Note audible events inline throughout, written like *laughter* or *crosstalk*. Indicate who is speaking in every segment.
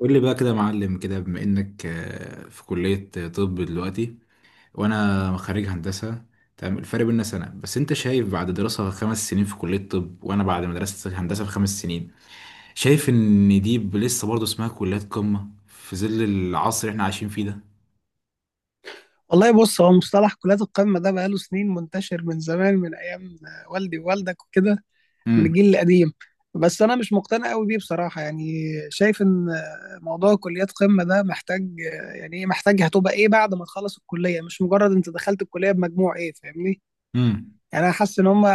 Speaker 1: قول لي بقى كده يا معلم كده، بما انك في كلية طب دلوقتي وانا خريج هندسة. تمام، الفرق بيننا سنة بس انت شايف بعد دراسة خمس سنين في كلية طب وانا بعد مدرسة هندسة في خمس سنين، شايف ان دي لسه برضه اسمها كليات قمة في ظل العصر اللي احنا عايشين فيه ده.
Speaker 2: والله بص هو مصطلح كليات القمة ده بقاله سنين منتشر من زمان من أيام والدي ووالدك وكده من
Speaker 1: امم.
Speaker 2: الجيل القديم. بس أنا مش مقتنع قوي بيه بصراحة، يعني شايف إن موضوع كليات قمة ده محتاج يعني إيه، محتاج هتبقى إيه بعد ما تخلص الكلية، مش مجرد أنت دخلت الكلية بمجموع إيه، فاهمني؟
Speaker 1: امم.
Speaker 2: يعني أنا حاسس إن هم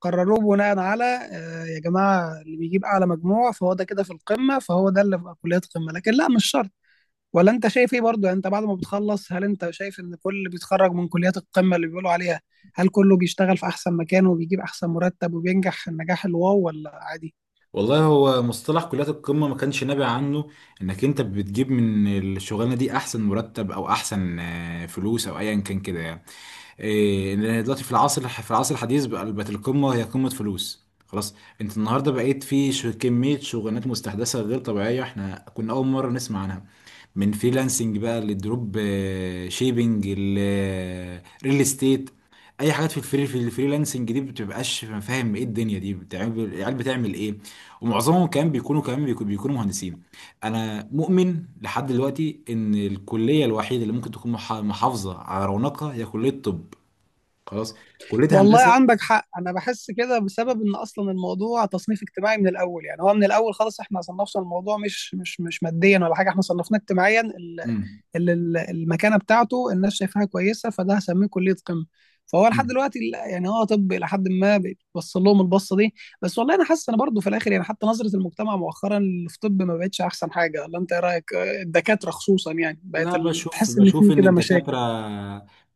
Speaker 2: قرروه بناء على يا جماعة اللي بيجيب أعلى مجموع فهو ده كده في القمة، فهو ده اللي في كليات قمة، لكن لا مش شرط. ولا انت شايف ايه برضه؟ يعني انت بعد ما بتخلص هل انت شايف ان كل اللي بيتخرج من كليات القمة اللي بيقولوا عليها هل كله بيشتغل في احسن مكان وبيجيب احسن مرتب وبينجح النجاح الواو ولا عادي؟
Speaker 1: والله هو مصطلح كليات القمة ما كانش نابع عنه انك انت بتجيب من الشغلانة دي احسن مرتب او احسن فلوس او ايا كان كده يعني. ان دلوقتي في العصر، في العصر الحديث بقى، بقت القمه هي قمه فلوس خلاص. انت النهارده بقيت في كميه شغلانات مستحدثه غير طبيعيه احنا كنا اول مره نسمع عنها، من فريلانسنج بقى للدروب شيبينج، الريل استيت، اي حاجات في الفريلانسنج دي بتبقاش فاهم ايه الدنيا دي بتعمل، العيال بتعمل ايه؟ ومعظمهم كمان بيكونوا كمان بيكونوا مهندسين. انا مؤمن لحد دلوقتي ان الكليه الوحيده اللي ممكن تكون محافظه على رونقها هي كليه الطب. خلاص. كلية
Speaker 2: والله
Speaker 1: هندسة.
Speaker 2: عندك حق، انا بحس كده بسبب ان اصلا الموضوع تصنيف اجتماعي من الاول، يعني هو من الاول خالص احنا صنفنا الموضوع مش ماديا ولا حاجة، احنا صنفناه اجتماعيا.
Speaker 1: امم.
Speaker 2: اللي المكانه بتاعته الناس شايفاها كويسه فده هسميه كليه قمه. فهو لحد
Speaker 1: امم.
Speaker 2: دلوقتي يعني هو طب الى حد ما بيبص لهم البصه دي. بس والله انا حاسس انا برضو في الاخر، يعني حتى نظره المجتمع مؤخرا اللي في طب ما بقتش احسن حاجه، ولا انت ايه رايك؟ الدكاتره خصوصا، يعني بقت
Speaker 1: لا، بشوف
Speaker 2: تحس ان
Speaker 1: بشوف
Speaker 2: في
Speaker 1: ان
Speaker 2: كده مشاكل.
Speaker 1: الدكاترة،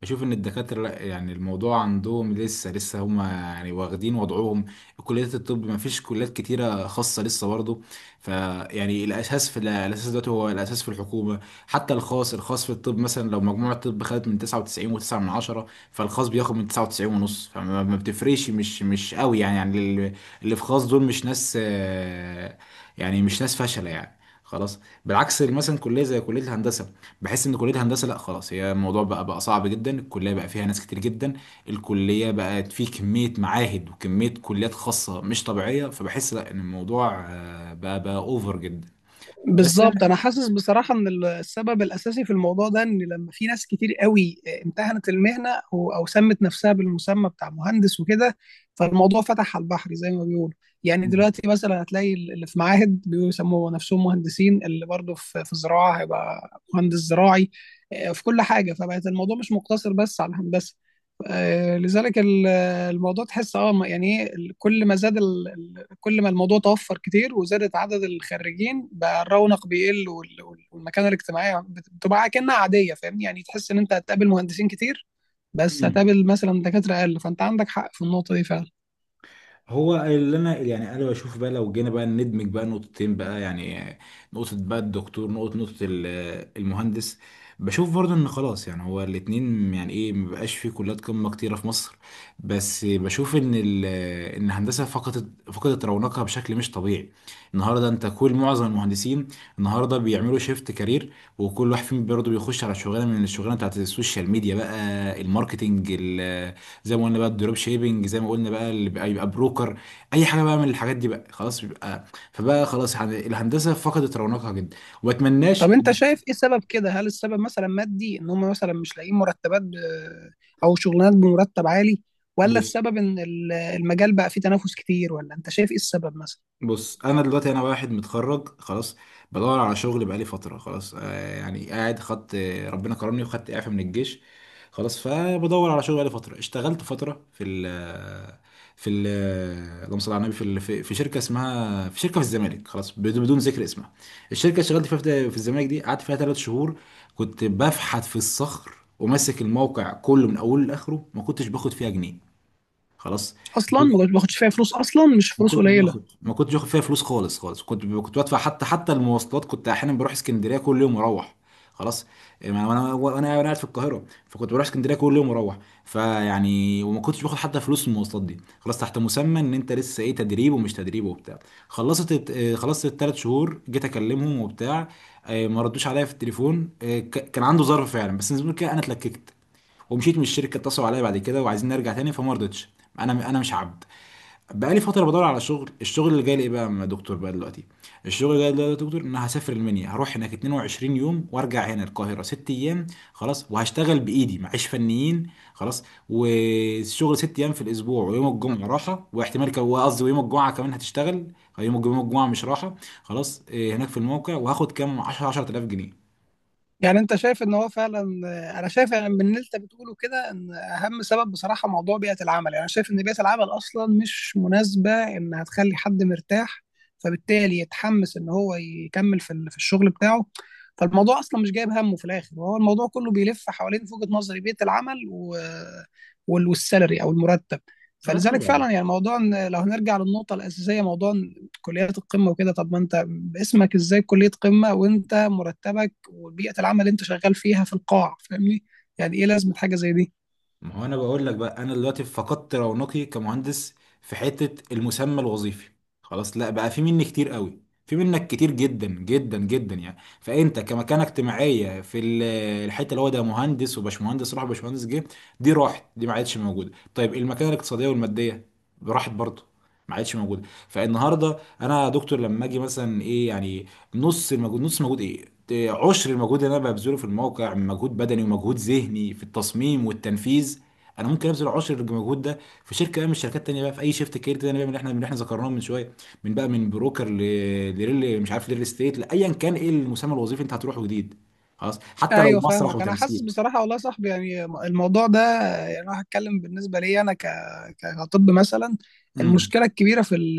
Speaker 1: بشوف ان الدكاترة لا، يعني الموضوع عندهم لسه هما يعني واخدين وضعهم. كليات الطب ما فيش كليات كتيرة خاصة لسه برضه، فيعني الاساس، في الاساس دلوقتي هو الاساس في الحكومة. حتى الخاص في الطب مثلا، لو مجموع الطب خدت من 99 و9 من عشرة، فالخاص بياخد من 99 ونص، فما ما بتفرقش، مش قوي، يعني. يعني اللي، اللي في خاص دول مش ناس، يعني مش ناس فاشلة يعني. خلاص. بالعكس مثلا، كليه زي كليه الهندسه، بحس ان كليه هندسه لا خلاص، هي الموضوع بقى صعب جدا. الكليه بقى فيها ناس كتير جدا. الكليه بقت فيه كميه معاهد وكميه كليات خاصه مش طبيعيه، فبحس لا ان الموضوع بقى اوفر جدا. بس
Speaker 2: بالظبط،
Speaker 1: انا،
Speaker 2: انا حاسس بصراحه ان السبب الاساسي في الموضوع ده ان لما في ناس كتير قوي امتهنت المهنه او سمت نفسها بالمسمى بتاع مهندس وكده، فالموضوع فتح على البحر زي ما بيقولوا. يعني دلوقتي مثلا هتلاقي اللي في معاهد بيسموا نفسهم مهندسين، اللي برضه في زراعه هيبقى مهندس زراعي، في كل حاجه، فبقت الموضوع مش مقتصر بس على الهندسه. لذلك الموضوع تحس يعني ايه كل ما زاد كل ما الموضوع توفر كتير وزادت عدد الخريجين بقى الرونق بيقل والمكانه الاجتماعيه بتبقى كأنها عاديه، فاهمني؟ يعني تحس ان انت هتقابل مهندسين كتير، بس
Speaker 1: مم.
Speaker 2: هتقابل مثلا دكاتره اقل، فانت عندك حق في النقطه دي فعلا.
Speaker 1: هو اللي انا، يعني انا بشوف بقى، لو جينا بقى ندمج بقى نقطتين بقى يعني، نقطة بقى الدكتور، نقطة المهندس. بشوف برضه ان خلاص يعني هو الاتنين، يعني ايه، مبقاش في كليات قمة كتيرة في مصر، بس بشوف ان ان الهندسة فقدت رونقها بشكل مش طبيعي. النهارده انت، كل معظم المهندسين النهارده بيعملوا شيفت كارير، وكل واحد فيهم برضه بيخش على شغلانة من الشغلانة بتاعت السوشيال ميديا، بقى الماركتينج زي ما قلنا، بقى الدروب شيبنج زي ما قلنا، بقى اللي بقى يبقى بروكر، اي حاجه بقى من الحاجات دي بقى خلاص بيبقى. فبقى خلاص الهندسه فقدت رونقها جدا. وما اتمناش.
Speaker 2: طب انت شايف ايه السبب كده؟ هل السبب مثلا مادي ان هم مثلا مش لاقيين مرتبات او شغلانات بمرتب عالي؟ ولا
Speaker 1: بص.
Speaker 2: السبب ان المجال بقى فيه تنافس كتير؟ ولا انت شايف ايه السبب مثلا؟
Speaker 1: بص، انا دلوقتي انا واحد متخرج خلاص، بدور على شغل بقالي فتره خلاص، آه يعني قاعد خدت، ربنا كرمني وخدت اعفاء من الجيش خلاص. فبدور على شغل بقالي فتره، اشتغلت فتره في ال، في ال اللهم صل على النبي، في شركه اسمها، في شركه في الزمالك خلاص، بدون ذكر اسمها. الشركه اللي اشتغلت فيها في الزمالك دي قعدت فيها ثلاث شهور، كنت بفحت في الصخر، وماسك الموقع كله من اوله لاخره، ما كنتش باخد فيها جنيه. خلاص.
Speaker 2: اصلا ما باخدش فيها فلوس، اصلا مش
Speaker 1: ما
Speaker 2: فلوس
Speaker 1: كنتش
Speaker 2: قليله.
Speaker 1: باخد ما كنتش باخد فيها فلوس خالص خالص، كنت بدفع، حتى المواصلات، كنت احيانا بروح اسكندريه كل يوم واروح. خلاص. وانا قاعد في القاهره، فكنت بروح اسكندريه كل يوم واروح، فيعني وما كنتش باخد حتى فلوس المواصلات دي خلاص، تحت مسمى ان انت لسه ايه، تدريب ومش تدريب وبتاع. خلصت الت- آه، خلصت الثلاث شهور، جيت اكلمهم وبتاع، ما ردوش عليا في التليفون. كان عنده ظرف فعلا بس زي ما كده انا اتلككت، ومشيت من الشركه. اتصلوا عليا بعد كده وعايزين نرجع تاني، فما رضيتش، انا مش عبد. بقالي فترة بدور على شغل. الشغل اللي جاي لي، إيه بقى يا دكتور بقى دلوقتي؟ الشغل اللي جاي لي دلوقتي يا دكتور، ان أنا هسافر المنيا، هروح هناك 22 يوم وارجع هنا القاهرة ست ايام خلاص، وهشتغل بايدي معيش فنيين خلاص، والشغل ست ايام في الاسبوع، ويوم الجمعة راحة، واحتمال قصدي ويوم الجمعة كمان هتشتغل، يوم الجمعة مش راحة خلاص. هناك في الموقع، وهاخد كام، 10 10000 جنيه.
Speaker 2: يعني انت شايف ان هو فعلا، انا شايف يعني من اللي انت بتقوله كده ان اهم سبب بصراحه موضوع بيئه العمل، يعني انا شايف ان بيئه العمل اصلا مش مناسبه انها تخلي حد مرتاح، فبالتالي يتحمس ان هو يكمل في الشغل بتاعه. فالموضوع اصلا مش جايب همه في الاخر، وهو الموضوع كله بيلف حوالين في وجهه نظري بيئه العمل والسالري او المرتب.
Speaker 1: اه
Speaker 2: فلذلك
Speaker 1: طبعا.
Speaker 2: فعلا يعني موضوع ان لو هنرجع للنقطه الاساسيه موضوع كليات القمه وكده، طب ما انت اسمك ازاي كليه قمه وانت مرتبك وبيئه العمل اللي انت شغال فيها في القاع؟ فاهمني؟ يعني ايه لازمه حاجه زي دي؟
Speaker 1: ما هو انا بقول لك بقى، انا دلوقتي فقدت رونقي كمهندس في حته المسمى الوظيفي خلاص، لا بقى في مني كتير قوي، في منك كتير جدا جدا جدا يعني، فانت كمكانه اجتماعيه الحته اللي هو، ده مهندس وباشمهندس راح باشمهندس جه، دي راحت، دي ما عادش موجوده. طيب المكانه الاقتصاديه والماديه، راحت برضه، ما عادش موجوده. فالنهارده انا يا دكتور لما اجي مثلا ايه يعني، نص المجهود ايه، عشر المجهود اللي انا ببذله في الموقع من مجهود بدني ومجهود ذهني في التصميم والتنفيذ، انا ممكن ابذل عشر المجهود ده في شركه بقى من الشركات التانيه بقى، في اي شيفت كارير تاني بقى، من اللي احنا ذكرناه من شويه، من بقى من بروكر لريل، مش عارف، ريل استيت، لايا كان ايه المسمى الوظيفي انت هتروحه جديد خلاص، حتى لو
Speaker 2: ايوه
Speaker 1: مسرح
Speaker 2: فاهمك، انا حاسس
Speaker 1: وتمثيل.
Speaker 2: بصراحه والله يا صاحبي يعني الموضوع ده، يعني انا هتكلم بالنسبه لي انا كطب مثلا.
Speaker 1: امم.
Speaker 2: المشكله الكبيره في ال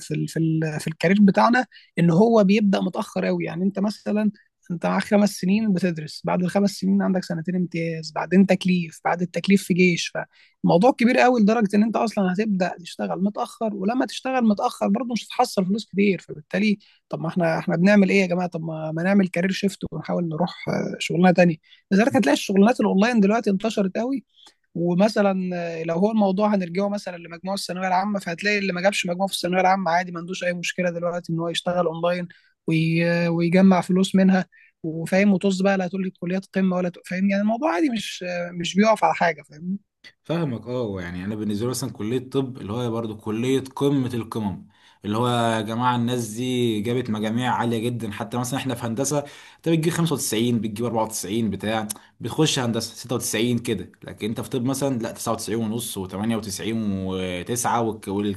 Speaker 2: في ال في ال في الكارير بتاعنا ان هو بيبدا متاخر قوي، يعني انت مثلا انت معاك خمس سنين بتدرس، بعد الخمس سنين عندك سنتين امتياز، بعدين تكليف، بعد التكليف في جيش. فالموضوع كبير قوي لدرجه ان انت اصلا هتبدا تشتغل متاخر، ولما تشتغل متاخر برضه مش هتحصل فلوس كتير، فبالتالي طب ما احنا بنعمل ايه يا جماعه؟ طب ما نعمل كارير شيفت ونحاول نروح شغلانه تانية. لذلك هتلاقي الشغلانات الاونلاين دلوقتي انتشرت قوي، ومثلا لو هو الموضوع هنرجعه مثلا لمجموع الثانويه العامه فهتلاقي اللي ما جابش مجموع في الثانويه العامه عادي، ما عندوش اي مشكله دلوقتي ان هو يشتغل اونلاين ويجمع فلوس منها وفاهم، وطز بقى، لا تقول لي كليات قمه فاهم، يعني الموضوع عادي، مش مش بيقف على حاجه فاهم.
Speaker 1: فاهمك، اه. يعني انا بالنسبه لي مثلا كليه الطب اللي هو برضو كليه قمه القمم، اللي هو يا جماعه الناس دي جابت مجاميع عاليه جدا. حتى مثلا احنا في هندسه، انت بتجيب 95، بتجيب 94 بتاع، بتخش هندسه 96 كده، لكن انت في طب مثلا لا، 99 ونص، و98 و9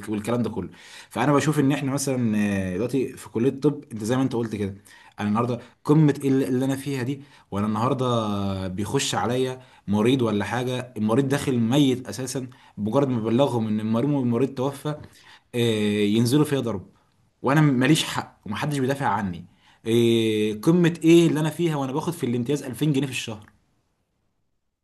Speaker 1: والكلام ده كله. فانا بشوف ان احنا مثلا دلوقتي في كليه الطب، انت زي ما انت قلت كده، انا النهارده، قمه إيه اللي انا فيها دي؟ وانا النهارده بيخش عليا مريض ولا حاجة، المريض داخل ميت أساسا، بمجرد ما بلغهم إن المريض توفى، ينزلوا فيا ضرب، وأنا ماليش حق ومحدش بيدافع عني. قمة إيه اللي أنا فيها، وأنا باخد في الامتياز 2000 جنيه في الشهر؟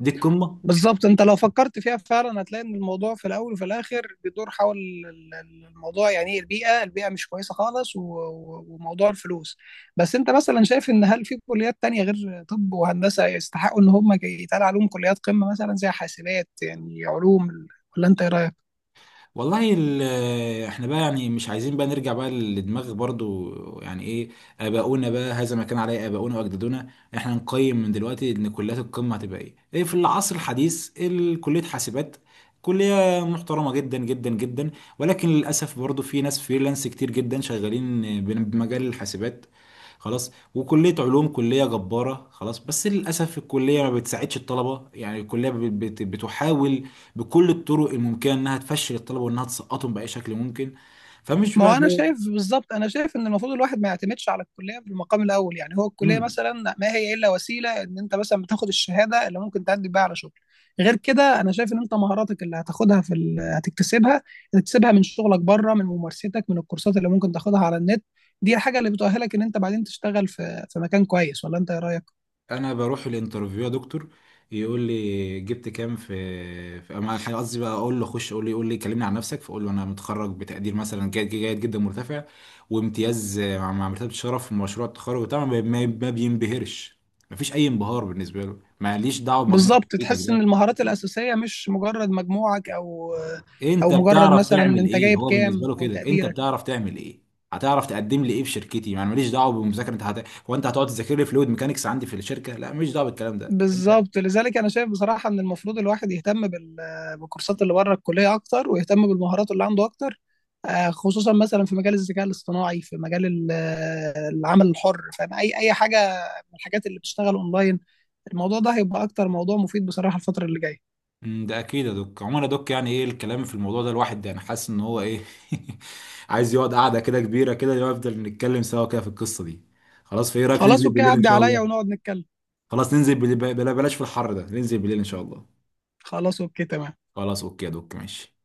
Speaker 1: دي القمة.
Speaker 2: بالظبط، انت لو فكرت فيها فعلا هتلاقي ان الموضوع في الاول وفي الاخر بيدور حول الموضوع يعني ايه البيئه، البيئه مش كويسه خالص وموضوع الفلوس. بس انت مثلا شايف ان هل في كليات تانية غير طب وهندسه يستحقوا ان هم يتقال عليهم كليات قمه، مثلا زي حاسبات يعني علوم؟ ولا انت ايه رايك؟
Speaker 1: والله احنا بقى يعني مش عايزين بقى نرجع بقى للدماغ برضو، يعني ايه، اباؤنا بقى، هذا ما كان عليه اباؤنا واجدادنا. احنا نقيم من دلوقتي ان كليات القمه هتبقى ايه، ايه في العصر الحديث، كليه حاسبات، كليه محترمه جدا جدا جدا، ولكن للاسف برضو في ناس فريلانس كتير جدا شغالين بمجال الحاسبات. خلاص. وكليه علوم كليه جباره خلاص، بس للاسف الكليه ما بتساعدش الطلبه، يعني الكليه بتحاول بكل الطرق الممكنه انها تفشل الطلبه، وانها تسقطهم باي شكل ممكن. فمش
Speaker 2: ما هو
Speaker 1: بقى
Speaker 2: انا
Speaker 1: هو،
Speaker 2: شايف بالظبط، انا شايف ان المفروض الواحد ما يعتمدش على الكليه في المقام الاول، يعني هو الكليه
Speaker 1: مم.
Speaker 2: مثلا ما هي الا وسيله ان انت مثلا بتاخد الشهاده اللي ممكن تعدي بيها على شغل. غير كده انا شايف ان انت مهاراتك اللي هتاخدها هتكتسبها، هتكتسبها من شغلك بره، من ممارستك، من الكورسات اللي ممكن تاخدها على النت، دي الحاجه اللي بتؤهلك ان انت بعدين تشتغل في مكان كويس، ولا انت ايه رايك؟
Speaker 1: انا بروح الانترفيو يا دكتور، يقول لي جبت كام في، في، اما الحقيقة قصدي بقى اقول له اخش، يقول لي، يقول لي كلمني عن نفسك، فاقول له انا متخرج بتقدير مثلا جيد، جيد جدا مرتفع، وامتياز مع مرتبه شرف في مشروع التخرج وبتاع، ما بينبهرش، مفيش اي انبهار بالنسبه له، ماليش دعوه بمجموع
Speaker 2: بالظبط،
Speaker 1: كليتك،
Speaker 2: تحس ان
Speaker 1: ده
Speaker 2: المهارات الاساسيه مش مجرد مجموعك او
Speaker 1: انت
Speaker 2: او مجرد
Speaker 1: بتعرف
Speaker 2: مثلا
Speaker 1: تعمل
Speaker 2: انت
Speaker 1: ايه،
Speaker 2: جايب
Speaker 1: هو بالنسبه
Speaker 2: كام
Speaker 1: له
Speaker 2: او
Speaker 1: كده انت
Speaker 2: تقديرك.
Speaker 1: بتعرف تعمل ايه، هتعرف تقدم لي ايه في شركتي، يعني ماليش دعوه بالمذاكره، انت هت، هو انت هتقعد تذاكر لي فلويد ميكانكس عندي في الشركه؟ لا، ماليش دعوه بالكلام ده. انت،
Speaker 2: بالظبط، لذلك انا شايف بصراحه ان المفروض الواحد يهتم بالكورسات اللي بره الكليه اكتر، ويهتم بالمهارات اللي عنده اكتر، خصوصا مثلا في مجال الذكاء الاصطناعي، في مجال العمل الحر، فاهم اي حاجه من الحاجات اللي بتشتغل اونلاين، الموضوع ده هيبقى اكتر موضوع مفيد بصراحه الفتره اللي جايه.
Speaker 1: ده اكيد يا دوك. عموما يا دوك، يعني ايه، الكلام في الموضوع ده الواحد يعني حاسس ان هو ايه *laughs* عايز يقعد قعده كده كبيره كده، يفضل نتكلم سوا كده في القصه دي خلاص. في، ايه رايك
Speaker 2: خلاص
Speaker 1: ننزل
Speaker 2: اوكي،
Speaker 1: بالليل ان
Speaker 2: عدي
Speaker 1: شاء
Speaker 2: عليا
Speaker 1: الله؟
Speaker 2: ونقعد نتكلم.
Speaker 1: خلاص ننزل بلا، بلاش في الحر ده، ننزل بالليل ان شاء الله.
Speaker 2: خلاص اوكي تمام.
Speaker 1: خلاص، اوكي يا دوك، ماشي.